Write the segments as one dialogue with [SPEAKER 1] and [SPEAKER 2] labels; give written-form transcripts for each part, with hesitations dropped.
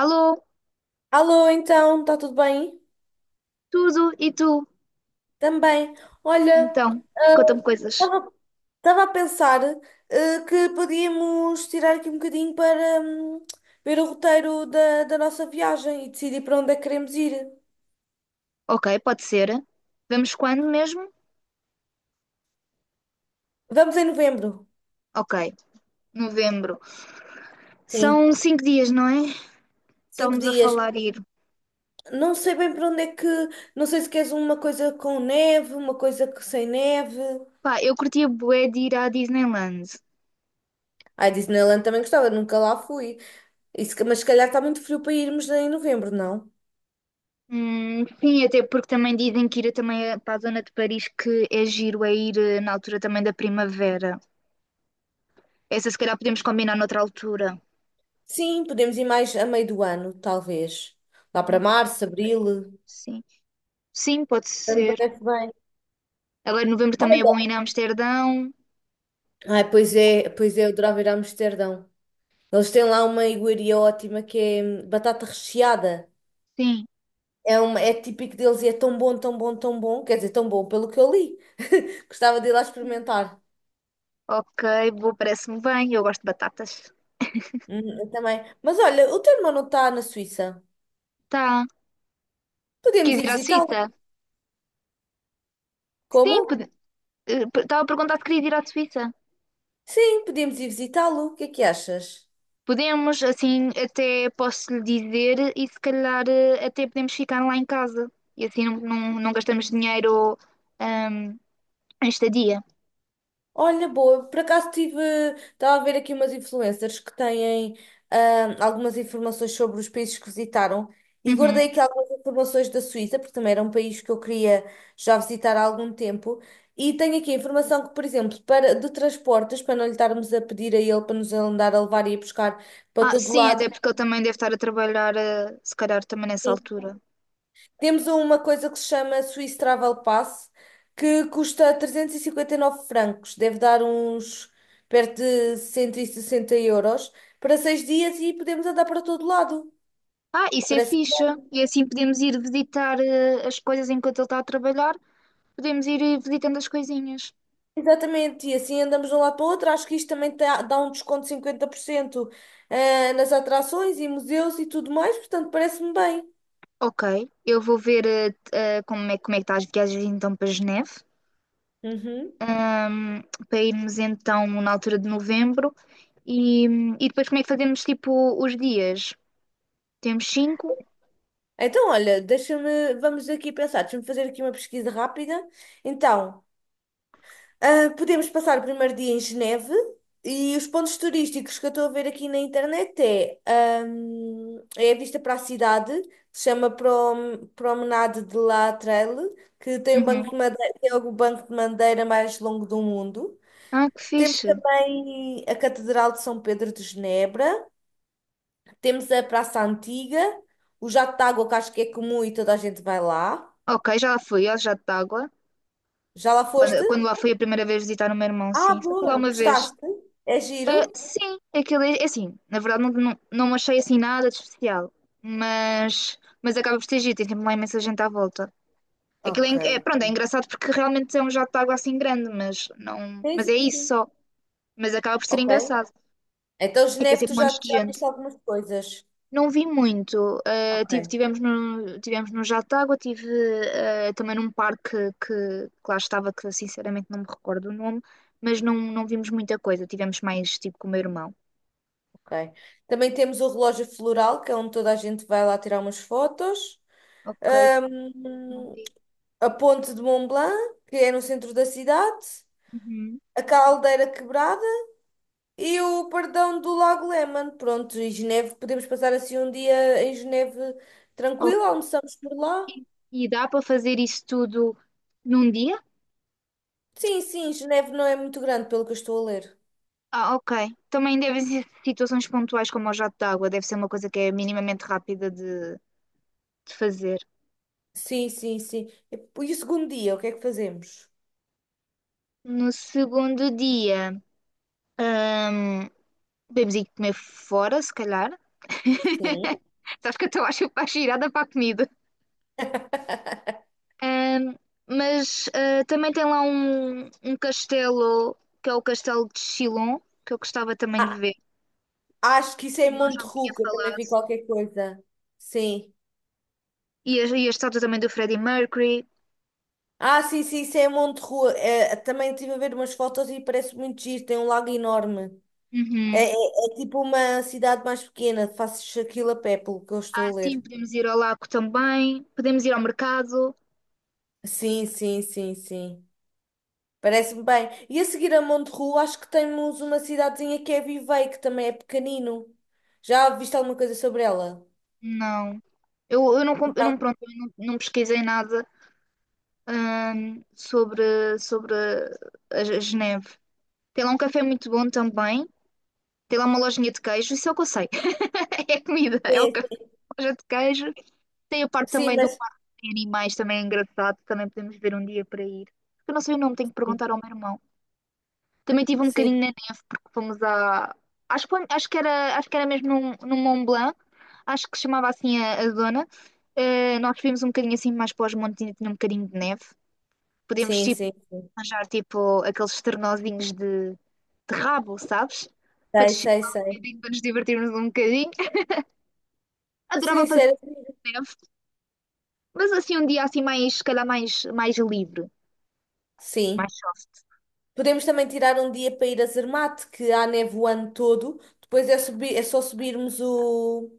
[SPEAKER 1] Alô,
[SPEAKER 2] Alô, então, está tudo bem?
[SPEAKER 1] tudo e tu?
[SPEAKER 2] Também. Olha,
[SPEAKER 1] Então, conta-me coisas.
[SPEAKER 2] estava a pensar que podíamos tirar aqui um bocadinho para ver o roteiro da nossa viagem e decidir para onde é que queremos ir.
[SPEAKER 1] Ok, pode ser. Vamos quando mesmo?
[SPEAKER 2] Vamos em novembro.
[SPEAKER 1] Ok, novembro.
[SPEAKER 2] Sim,
[SPEAKER 1] São 5 dias, não é?
[SPEAKER 2] cinco
[SPEAKER 1] Estávamos a
[SPEAKER 2] dias.
[SPEAKER 1] falar ir.
[SPEAKER 2] Não sei bem para onde é que. Não sei se queres uma coisa com neve, uma coisa que sem neve.
[SPEAKER 1] Pá, eu curtia bué de ir à Disneyland.
[SPEAKER 2] Ah, Disneyland também gostava, nunca lá fui. Mas se calhar está muito frio para irmos em novembro, não?
[SPEAKER 1] Sim, até porque também dizem que ir também é para a zona de Paris que é giro, é ir na altura também da primavera. Essa se calhar podemos combinar noutra altura.
[SPEAKER 2] Sim, podemos ir mais a meio do ano, talvez. Lá para março,
[SPEAKER 1] Ok,
[SPEAKER 2] abril.
[SPEAKER 1] sim, sim, pode
[SPEAKER 2] Me
[SPEAKER 1] ser.
[SPEAKER 2] parece bem.
[SPEAKER 1] Agora em novembro também é bom
[SPEAKER 2] Olha.
[SPEAKER 1] ir a Amsterdão.
[SPEAKER 2] Ai, pois é, eu adorava ir a Amsterdão. Eles têm lá uma iguaria ótima que é batata recheada.
[SPEAKER 1] Sim,
[SPEAKER 2] É típico deles e é tão bom, tão bom, tão bom. Quer dizer, tão bom pelo que eu li. Gostava de ir lá experimentar.
[SPEAKER 1] ok, boa, parece-me bem. Eu gosto de batatas.
[SPEAKER 2] Eu também. Mas olha, o teu irmão não está na Suíça.
[SPEAKER 1] Tá.
[SPEAKER 2] Podemos
[SPEAKER 1] Queres
[SPEAKER 2] ir
[SPEAKER 1] ir à
[SPEAKER 2] visitá-lo.
[SPEAKER 1] Suíça?
[SPEAKER 2] Como?
[SPEAKER 1] Sim, estava a perguntar se querias ir à Suíça.
[SPEAKER 2] Sim, podemos ir visitá-lo. O que é que achas?
[SPEAKER 1] Podemos, assim, até posso lhe dizer e se calhar até podemos ficar lá em casa. E assim não gastamos dinheiro ahm, em estadia.
[SPEAKER 2] Olha, boa, eu por acaso estava a ver aqui umas influencers que têm algumas informações sobre os países que visitaram e
[SPEAKER 1] Uhum.
[SPEAKER 2] guardei aqui algumas informações da Suíça, porque também era um país que eu queria já visitar há algum tempo. E tenho aqui a informação que, por exemplo, de transportes, para não lhe estarmos a pedir a ele para nos andar a levar e a buscar para
[SPEAKER 1] Ah,
[SPEAKER 2] todo
[SPEAKER 1] sim,
[SPEAKER 2] lado.
[SPEAKER 1] até porque ele também deve estar a trabalhar, se calhar também nessa altura.
[SPEAKER 2] Temos uma coisa que se chama Swiss Travel Pass, que custa 359 francos, deve dar uns perto de 160 euros, para 6 dias e podemos andar para todo lado.
[SPEAKER 1] Ah, isso é
[SPEAKER 2] Parece
[SPEAKER 1] fixe. E assim podemos ir visitar as coisas enquanto ele está a trabalhar. Podemos ir visitando as coisinhas.
[SPEAKER 2] exatamente, e assim andamos de um lado para o outro. Acho que isto também dá um desconto de 50% nas atrações e museus e tudo mais, portanto, parece-me bem.
[SPEAKER 1] Ok, eu vou ver como é que está as viagens então para Geneve,
[SPEAKER 2] Uhum.
[SPEAKER 1] ahm, para irmos então na altura de novembro e, e depois como é que fazemos tipo os dias? Temos cinco?
[SPEAKER 2] Então, olha, deixa-me, vamos aqui pensar, deixa-me fazer aqui uma pesquisa rápida. Então. Ah, podemos passar o primeiro dia em Geneve e os pontos turísticos que eu estou a ver aqui na internet é a vista para a cidade, se chama Promenade de La Trelle, que tem um
[SPEAKER 1] Uhum.
[SPEAKER 2] banco de madeira, tem o banco de madeira mais longo do mundo.
[SPEAKER 1] Ah, que
[SPEAKER 2] Temos
[SPEAKER 1] fixe.
[SPEAKER 2] também a Catedral de São Pedro de Genebra, temos a Praça Antiga, o jato de água que acho que é comum e toda a gente vai lá.
[SPEAKER 1] Ok, já lá fui, ó, já de água.
[SPEAKER 2] Já lá foste?
[SPEAKER 1] Quando lá fui a primeira vez visitar o meu irmão,
[SPEAKER 2] Ah,
[SPEAKER 1] sim. Só fui lá
[SPEAKER 2] boa!
[SPEAKER 1] uma vez.
[SPEAKER 2] Gostaste? É
[SPEAKER 1] Ah,
[SPEAKER 2] giro?
[SPEAKER 1] sim, aquilo é assim, na verdade não achei assim nada de especial, mas acaba por ter giro, tem sempre lá imensa gente à volta. Aquilo é,
[SPEAKER 2] Ok.
[SPEAKER 1] pronto, é engraçado porque realmente é um jato de água assim grande, mas não,
[SPEAKER 2] Sim,
[SPEAKER 1] mas
[SPEAKER 2] sim,
[SPEAKER 1] é isso
[SPEAKER 2] sim.
[SPEAKER 1] só. Mas acaba por ser
[SPEAKER 2] Ok?
[SPEAKER 1] engraçado.
[SPEAKER 2] Então,
[SPEAKER 1] E tem
[SPEAKER 2] Geneve,
[SPEAKER 1] sempre
[SPEAKER 2] tu já,
[SPEAKER 1] montes de
[SPEAKER 2] já
[SPEAKER 1] gente.
[SPEAKER 2] viste algumas coisas.
[SPEAKER 1] Não vi muito.
[SPEAKER 2] Ok,
[SPEAKER 1] Tivemos tivemos no jato de água, também num parque que lá estava, que sinceramente não me recordo o nome, mas não vimos muita coisa. Tivemos mais tipo com o meu irmão.
[SPEAKER 2] ok. Também temos o relógio floral, que é onde toda a gente vai lá tirar umas fotos.
[SPEAKER 1] Ok, não
[SPEAKER 2] Ahm,
[SPEAKER 1] vi.
[SPEAKER 2] a ponte de Mont Blanc, que é no centro da cidade.
[SPEAKER 1] Uhum.
[SPEAKER 2] A caldeira quebrada e o perdão do Lago Léman. Pronto, e Geneve, podemos passar assim um dia em Geneve tranquilo,
[SPEAKER 1] Ok.
[SPEAKER 2] almoçamos por lá.
[SPEAKER 1] E dá para fazer isso tudo num dia?
[SPEAKER 2] Sim, sim, Geneve não é muito grande, pelo que eu estou a ler.
[SPEAKER 1] Ah, ok. Também devem ser situações pontuais como o jato de água, deve ser uma coisa que é minimamente rápida de fazer.
[SPEAKER 2] Sim, sim, sim. E o segundo dia, o que é que fazemos?
[SPEAKER 1] No segundo dia, hum, podemos ir comer fora, se calhar.
[SPEAKER 2] Sim.
[SPEAKER 1] Sabes que eu estou a chupar girada para a comida. Hum, mas também tem lá um castelo, que é o castelo de Chilon, que eu gostava também de
[SPEAKER 2] Ah,
[SPEAKER 1] ver.
[SPEAKER 2] acho que isso
[SPEAKER 1] O
[SPEAKER 2] é em
[SPEAKER 1] irmão já me tinha
[SPEAKER 2] Monterruca, também
[SPEAKER 1] falado.
[SPEAKER 2] vi qualquer coisa. Sim.
[SPEAKER 1] E a estátua também do Freddie Mercury.
[SPEAKER 2] Ah, sim, sim, isso é em Monterrua. É, também estive a ver umas fotos e parece muito giro, tem um lago enorme. É,
[SPEAKER 1] Uhum.
[SPEAKER 2] é, é tipo uma cidade mais pequena, faço aquilo a pé, pelo que eu
[SPEAKER 1] Ah,
[SPEAKER 2] estou a
[SPEAKER 1] sim,
[SPEAKER 2] ler.
[SPEAKER 1] podemos ir ao lago também, podemos ir ao mercado.
[SPEAKER 2] Sim, sim, sim, sim. Parece-me bem. E a seguir a Monterrua, acho que temos uma cidadezinha que é Vivei, que também é pequenino. Já viste alguma coisa sobre ela?
[SPEAKER 1] Não. Eu
[SPEAKER 2] Não,
[SPEAKER 1] pronto, eu não, não pesquisei nada, sobre a Geneve. Tem lá um café muito bom também. Tem lá uma lojinha de queijo, isso é o que eu sei. É comida, é o
[SPEAKER 2] sim,
[SPEAKER 1] café,
[SPEAKER 2] sim.
[SPEAKER 1] loja de queijo. Tem a parte
[SPEAKER 2] Sim,
[SPEAKER 1] também do
[SPEAKER 2] mas...
[SPEAKER 1] parque de animais, também é engraçado. Também podemos ver um dia para ir. Eu não sei o nome, tenho que perguntar ao meu irmão. Também tive um
[SPEAKER 2] Sim,
[SPEAKER 1] bocadinho. Fomos a. Acho que era mesmo num Mont Blanc, acho que se chamava assim a zona. Nós vimos um bocadinho assim mais para os montes, ainda tinha um bocadinho de neve. Podemos
[SPEAKER 2] sim,
[SPEAKER 1] tipo,
[SPEAKER 2] sim.
[SPEAKER 1] arranjar tipo aqueles ternozinhos de rabo, sabes? Para
[SPEAKER 2] Sei,
[SPEAKER 1] descer
[SPEAKER 2] sei,
[SPEAKER 1] lá um
[SPEAKER 2] sei.
[SPEAKER 1] bocadinho, para nos divertirmos um bocadinho. Adorava fazer
[SPEAKER 2] Sincero,
[SPEAKER 1] neve, mas assim um dia assim mais, se calhar mais livre, mais
[SPEAKER 2] sim.
[SPEAKER 1] soft.
[SPEAKER 2] Podemos também tirar um dia para ir a Zermatt, que há neve o ano todo. Depois é só subirmos o,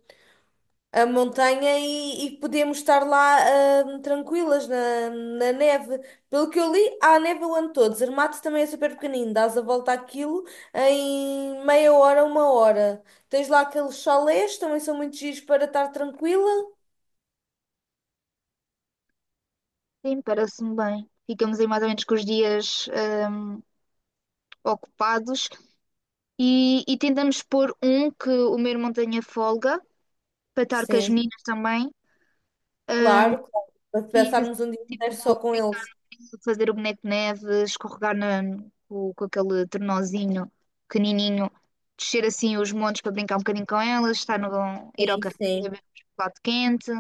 [SPEAKER 2] a montanha e podemos estar lá tranquilas na neve. Pelo que eu li, há neve o ano todo. Zermatt também é super pequenino. Dás a volta àquilo em meia hora, uma hora. Tens lá aqueles chalés, também são muito giros para estar tranquila.
[SPEAKER 1] Sim, parece-me bem. Ficamos aí mais ou menos com os dias hum, ocupados. E tentamos pôr um que o meu irmão tenha folga, para estar com as
[SPEAKER 2] Sim,
[SPEAKER 1] meninas também,
[SPEAKER 2] claro, claro. Para
[SPEAKER 1] ir
[SPEAKER 2] passarmos um dia
[SPEAKER 1] tipo
[SPEAKER 2] inteiro só com
[SPEAKER 1] brincar
[SPEAKER 2] eles.
[SPEAKER 1] no rio, fazer o boneco de neve, escorregar na, com aquele tornozinho pequenininho, descer assim os montes para brincar um bocadinho com elas, estar no, ir ao
[SPEAKER 2] Sim,
[SPEAKER 1] café,
[SPEAKER 2] sim.
[SPEAKER 1] beber um chocolate quente.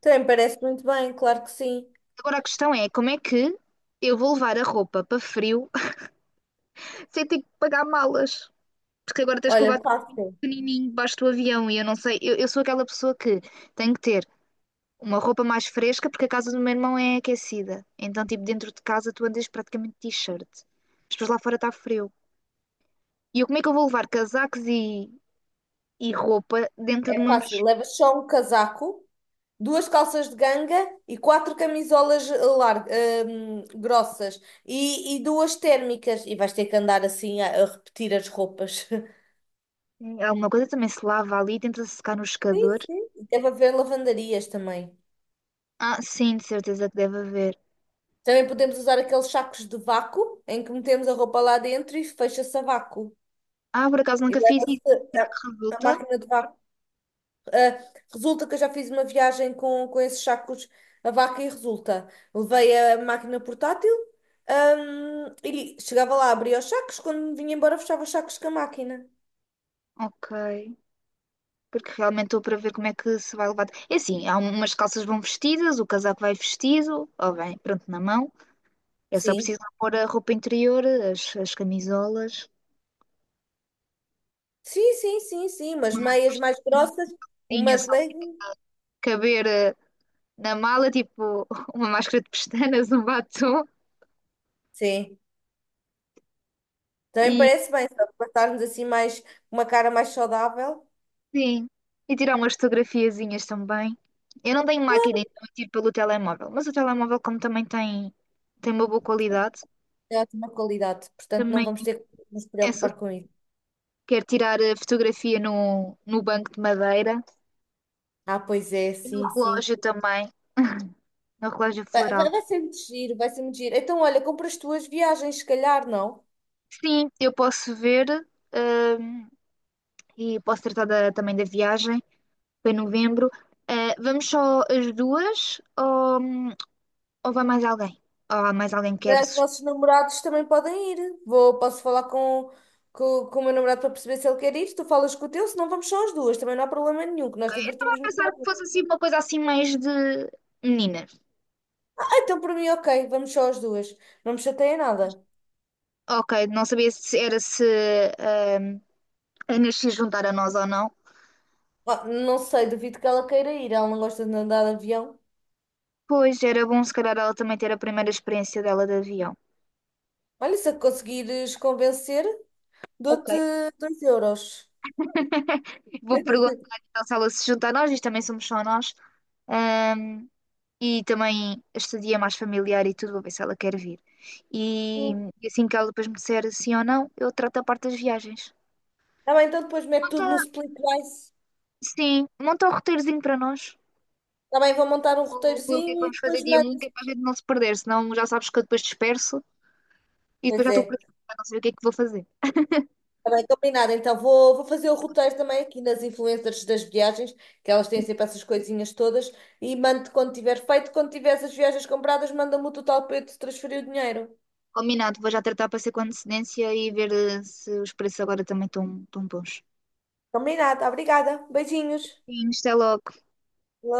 [SPEAKER 2] Também parece muito bem, claro que sim.
[SPEAKER 1] Agora a questão é, como é que eu vou levar a roupa para frio sem ter que pagar malas? Porque agora tens que levar
[SPEAKER 2] Olha,
[SPEAKER 1] tudo
[SPEAKER 2] fácil.
[SPEAKER 1] pequenininho debaixo do avião e eu não sei, eu sou aquela pessoa que tem que ter uma roupa mais fresca, porque a casa do meu irmão é aquecida. Então, tipo, dentro de casa tu andas praticamente de t-shirt. Mas depois lá fora está frio. E eu, como é que eu vou levar casacos e roupa dentro de
[SPEAKER 2] É
[SPEAKER 1] uma
[SPEAKER 2] fácil.
[SPEAKER 1] mochila?
[SPEAKER 2] Levas só um casaco, duas calças de ganga e quatro camisolas grossas e duas térmicas. E vais ter que andar assim a repetir as roupas.
[SPEAKER 1] Alguma coisa também se lava ali, tenta secar no
[SPEAKER 2] Sim,
[SPEAKER 1] secador.
[SPEAKER 2] sim. E deve haver lavandarias também.
[SPEAKER 1] Ah, sim, de certeza que deve haver.
[SPEAKER 2] Também podemos usar aqueles sacos de vácuo em que metemos a roupa lá dentro e fecha-se a vácuo.
[SPEAKER 1] Ah, por acaso
[SPEAKER 2] E
[SPEAKER 1] nunca fiz isso.
[SPEAKER 2] leva-se
[SPEAKER 1] Será que
[SPEAKER 2] a
[SPEAKER 1] resulta?
[SPEAKER 2] máquina de vácuo. Ah, resulta que eu já fiz uma viagem com esses sacos a vaca e resulta. Levei a máquina portátil, e chegava lá, abria os sacos, quando me vinha embora, fechava os sacos com a máquina.
[SPEAKER 1] Ok. Porque realmente estou para ver como é que se vai levar. É assim, há umas calças vão vestidas, o casaco vai vestido, ou bem, pronto, na mão. Eu só
[SPEAKER 2] Sim.
[SPEAKER 1] preciso pôr a roupa interior, as camisolas,
[SPEAKER 2] Sim, sim, sim, sim, umas
[SPEAKER 1] uma
[SPEAKER 2] meias
[SPEAKER 1] máscara
[SPEAKER 2] mais grossas, umas
[SPEAKER 1] só para
[SPEAKER 2] leggings.
[SPEAKER 1] caber na mala, tipo uma máscara de pestanas, um batom
[SPEAKER 2] Sim, também
[SPEAKER 1] e
[SPEAKER 2] parece bem, só para estarmos assim mais, uma cara mais saudável.
[SPEAKER 1] sim, e tirar umas fotografiazinhas também. Eu não tenho máquina,
[SPEAKER 2] Claro,
[SPEAKER 1] então eu tiro pelo telemóvel, mas o telemóvel, como também tem uma boa qualidade,
[SPEAKER 2] é ótima qualidade, portanto não
[SPEAKER 1] também
[SPEAKER 2] vamos ter que nos
[SPEAKER 1] é, su-
[SPEAKER 2] preocupar com isso.
[SPEAKER 1] quero tirar a fotografia no banco de madeira
[SPEAKER 2] Ah, pois é,
[SPEAKER 1] e no
[SPEAKER 2] sim, sim.
[SPEAKER 1] relógio também, no relógio
[SPEAKER 2] Vai,
[SPEAKER 1] floral.
[SPEAKER 2] vai vai ser muito giro, vai ser muito giro. Então, olha, compra as tuas viagens, se calhar, não?
[SPEAKER 1] Sim, eu posso ver. hum, e posso tratar também da viagem para novembro. Vamos só as duas ou vai mais alguém? Ou há mais alguém que quer
[SPEAKER 2] Os
[SPEAKER 1] se
[SPEAKER 2] nossos namorados também podem ir. Posso falar com o meu namorado para perceber se ele quer ir. Tu falas com o teu, senão vamos só as duas. Também não há problema nenhum, que nós divertimos-nos
[SPEAKER 1] pensar que fosse
[SPEAKER 2] muito.
[SPEAKER 1] assim uma coisa assim mais de meninas.
[SPEAKER 2] Ah, então para mim, ok, vamos só as duas. Não me chateia nada.
[SPEAKER 1] Ok, não sabia se era se ehm, a Inês se juntar a nós ou não.
[SPEAKER 2] Ah, não sei, duvido que ela queira ir. Ela não gosta de andar de avião.
[SPEAKER 1] Pois era bom se calhar ela também ter a primeira experiência dela de avião.
[SPEAKER 2] Olha, se a conseguires convencer,
[SPEAKER 1] Ok.
[SPEAKER 2] dou-te €2.
[SPEAKER 1] Vou perguntar então se ela se junta a nós, isto também somos só nós. Ehm, E também este dia é mais familiar e tudo, vou ver se ela quer vir. E,
[SPEAKER 2] Hum.
[SPEAKER 1] e assim que ela depois me disser sim ou não, eu trato a parte das viagens.
[SPEAKER 2] Tá bem, então depois mete
[SPEAKER 1] Monta,
[SPEAKER 2] tudo no split price.
[SPEAKER 1] sim, monta um roteirozinho para nós.
[SPEAKER 2] Está bem, vou montar um
[SPEAKER 1] O que é que
[SPEAKER 2] roteirozinho e
[SPEAKER 1] vamos fazer
[SPEAKER 2] depois
[SPEAKER 1] dia um
[SPEAKER 2] mando.
[SPEAKER 1] que é para a gente não se perder, senão já sabes que eu depois disperso e depois
[SPEAKER 2] Pois
[SPEAKER 1] já estou por
[SPEAKER 2] é.
[SPEAKER 1] aqui, já não sei o que é que vou fazer.
[SPEAKER 2] Está bem, combinado. Então vou fazer o roteiro também aqui nas influencers das viagens, que elas têm sempre essas coisinhas todas, e mando quando tiver feito. Quando tiver as viagens compradas, manda-me o total para eu te transferir o dinheiro.
[SPEAKER 1] Combinado, vou já tratar para ser com antecedência e ver se os preços agora também estão bons.
[SPEAKER 2] Combinado. Obrigada. Beijinhos.
[SPEAKER 1] Sim, isto é logo.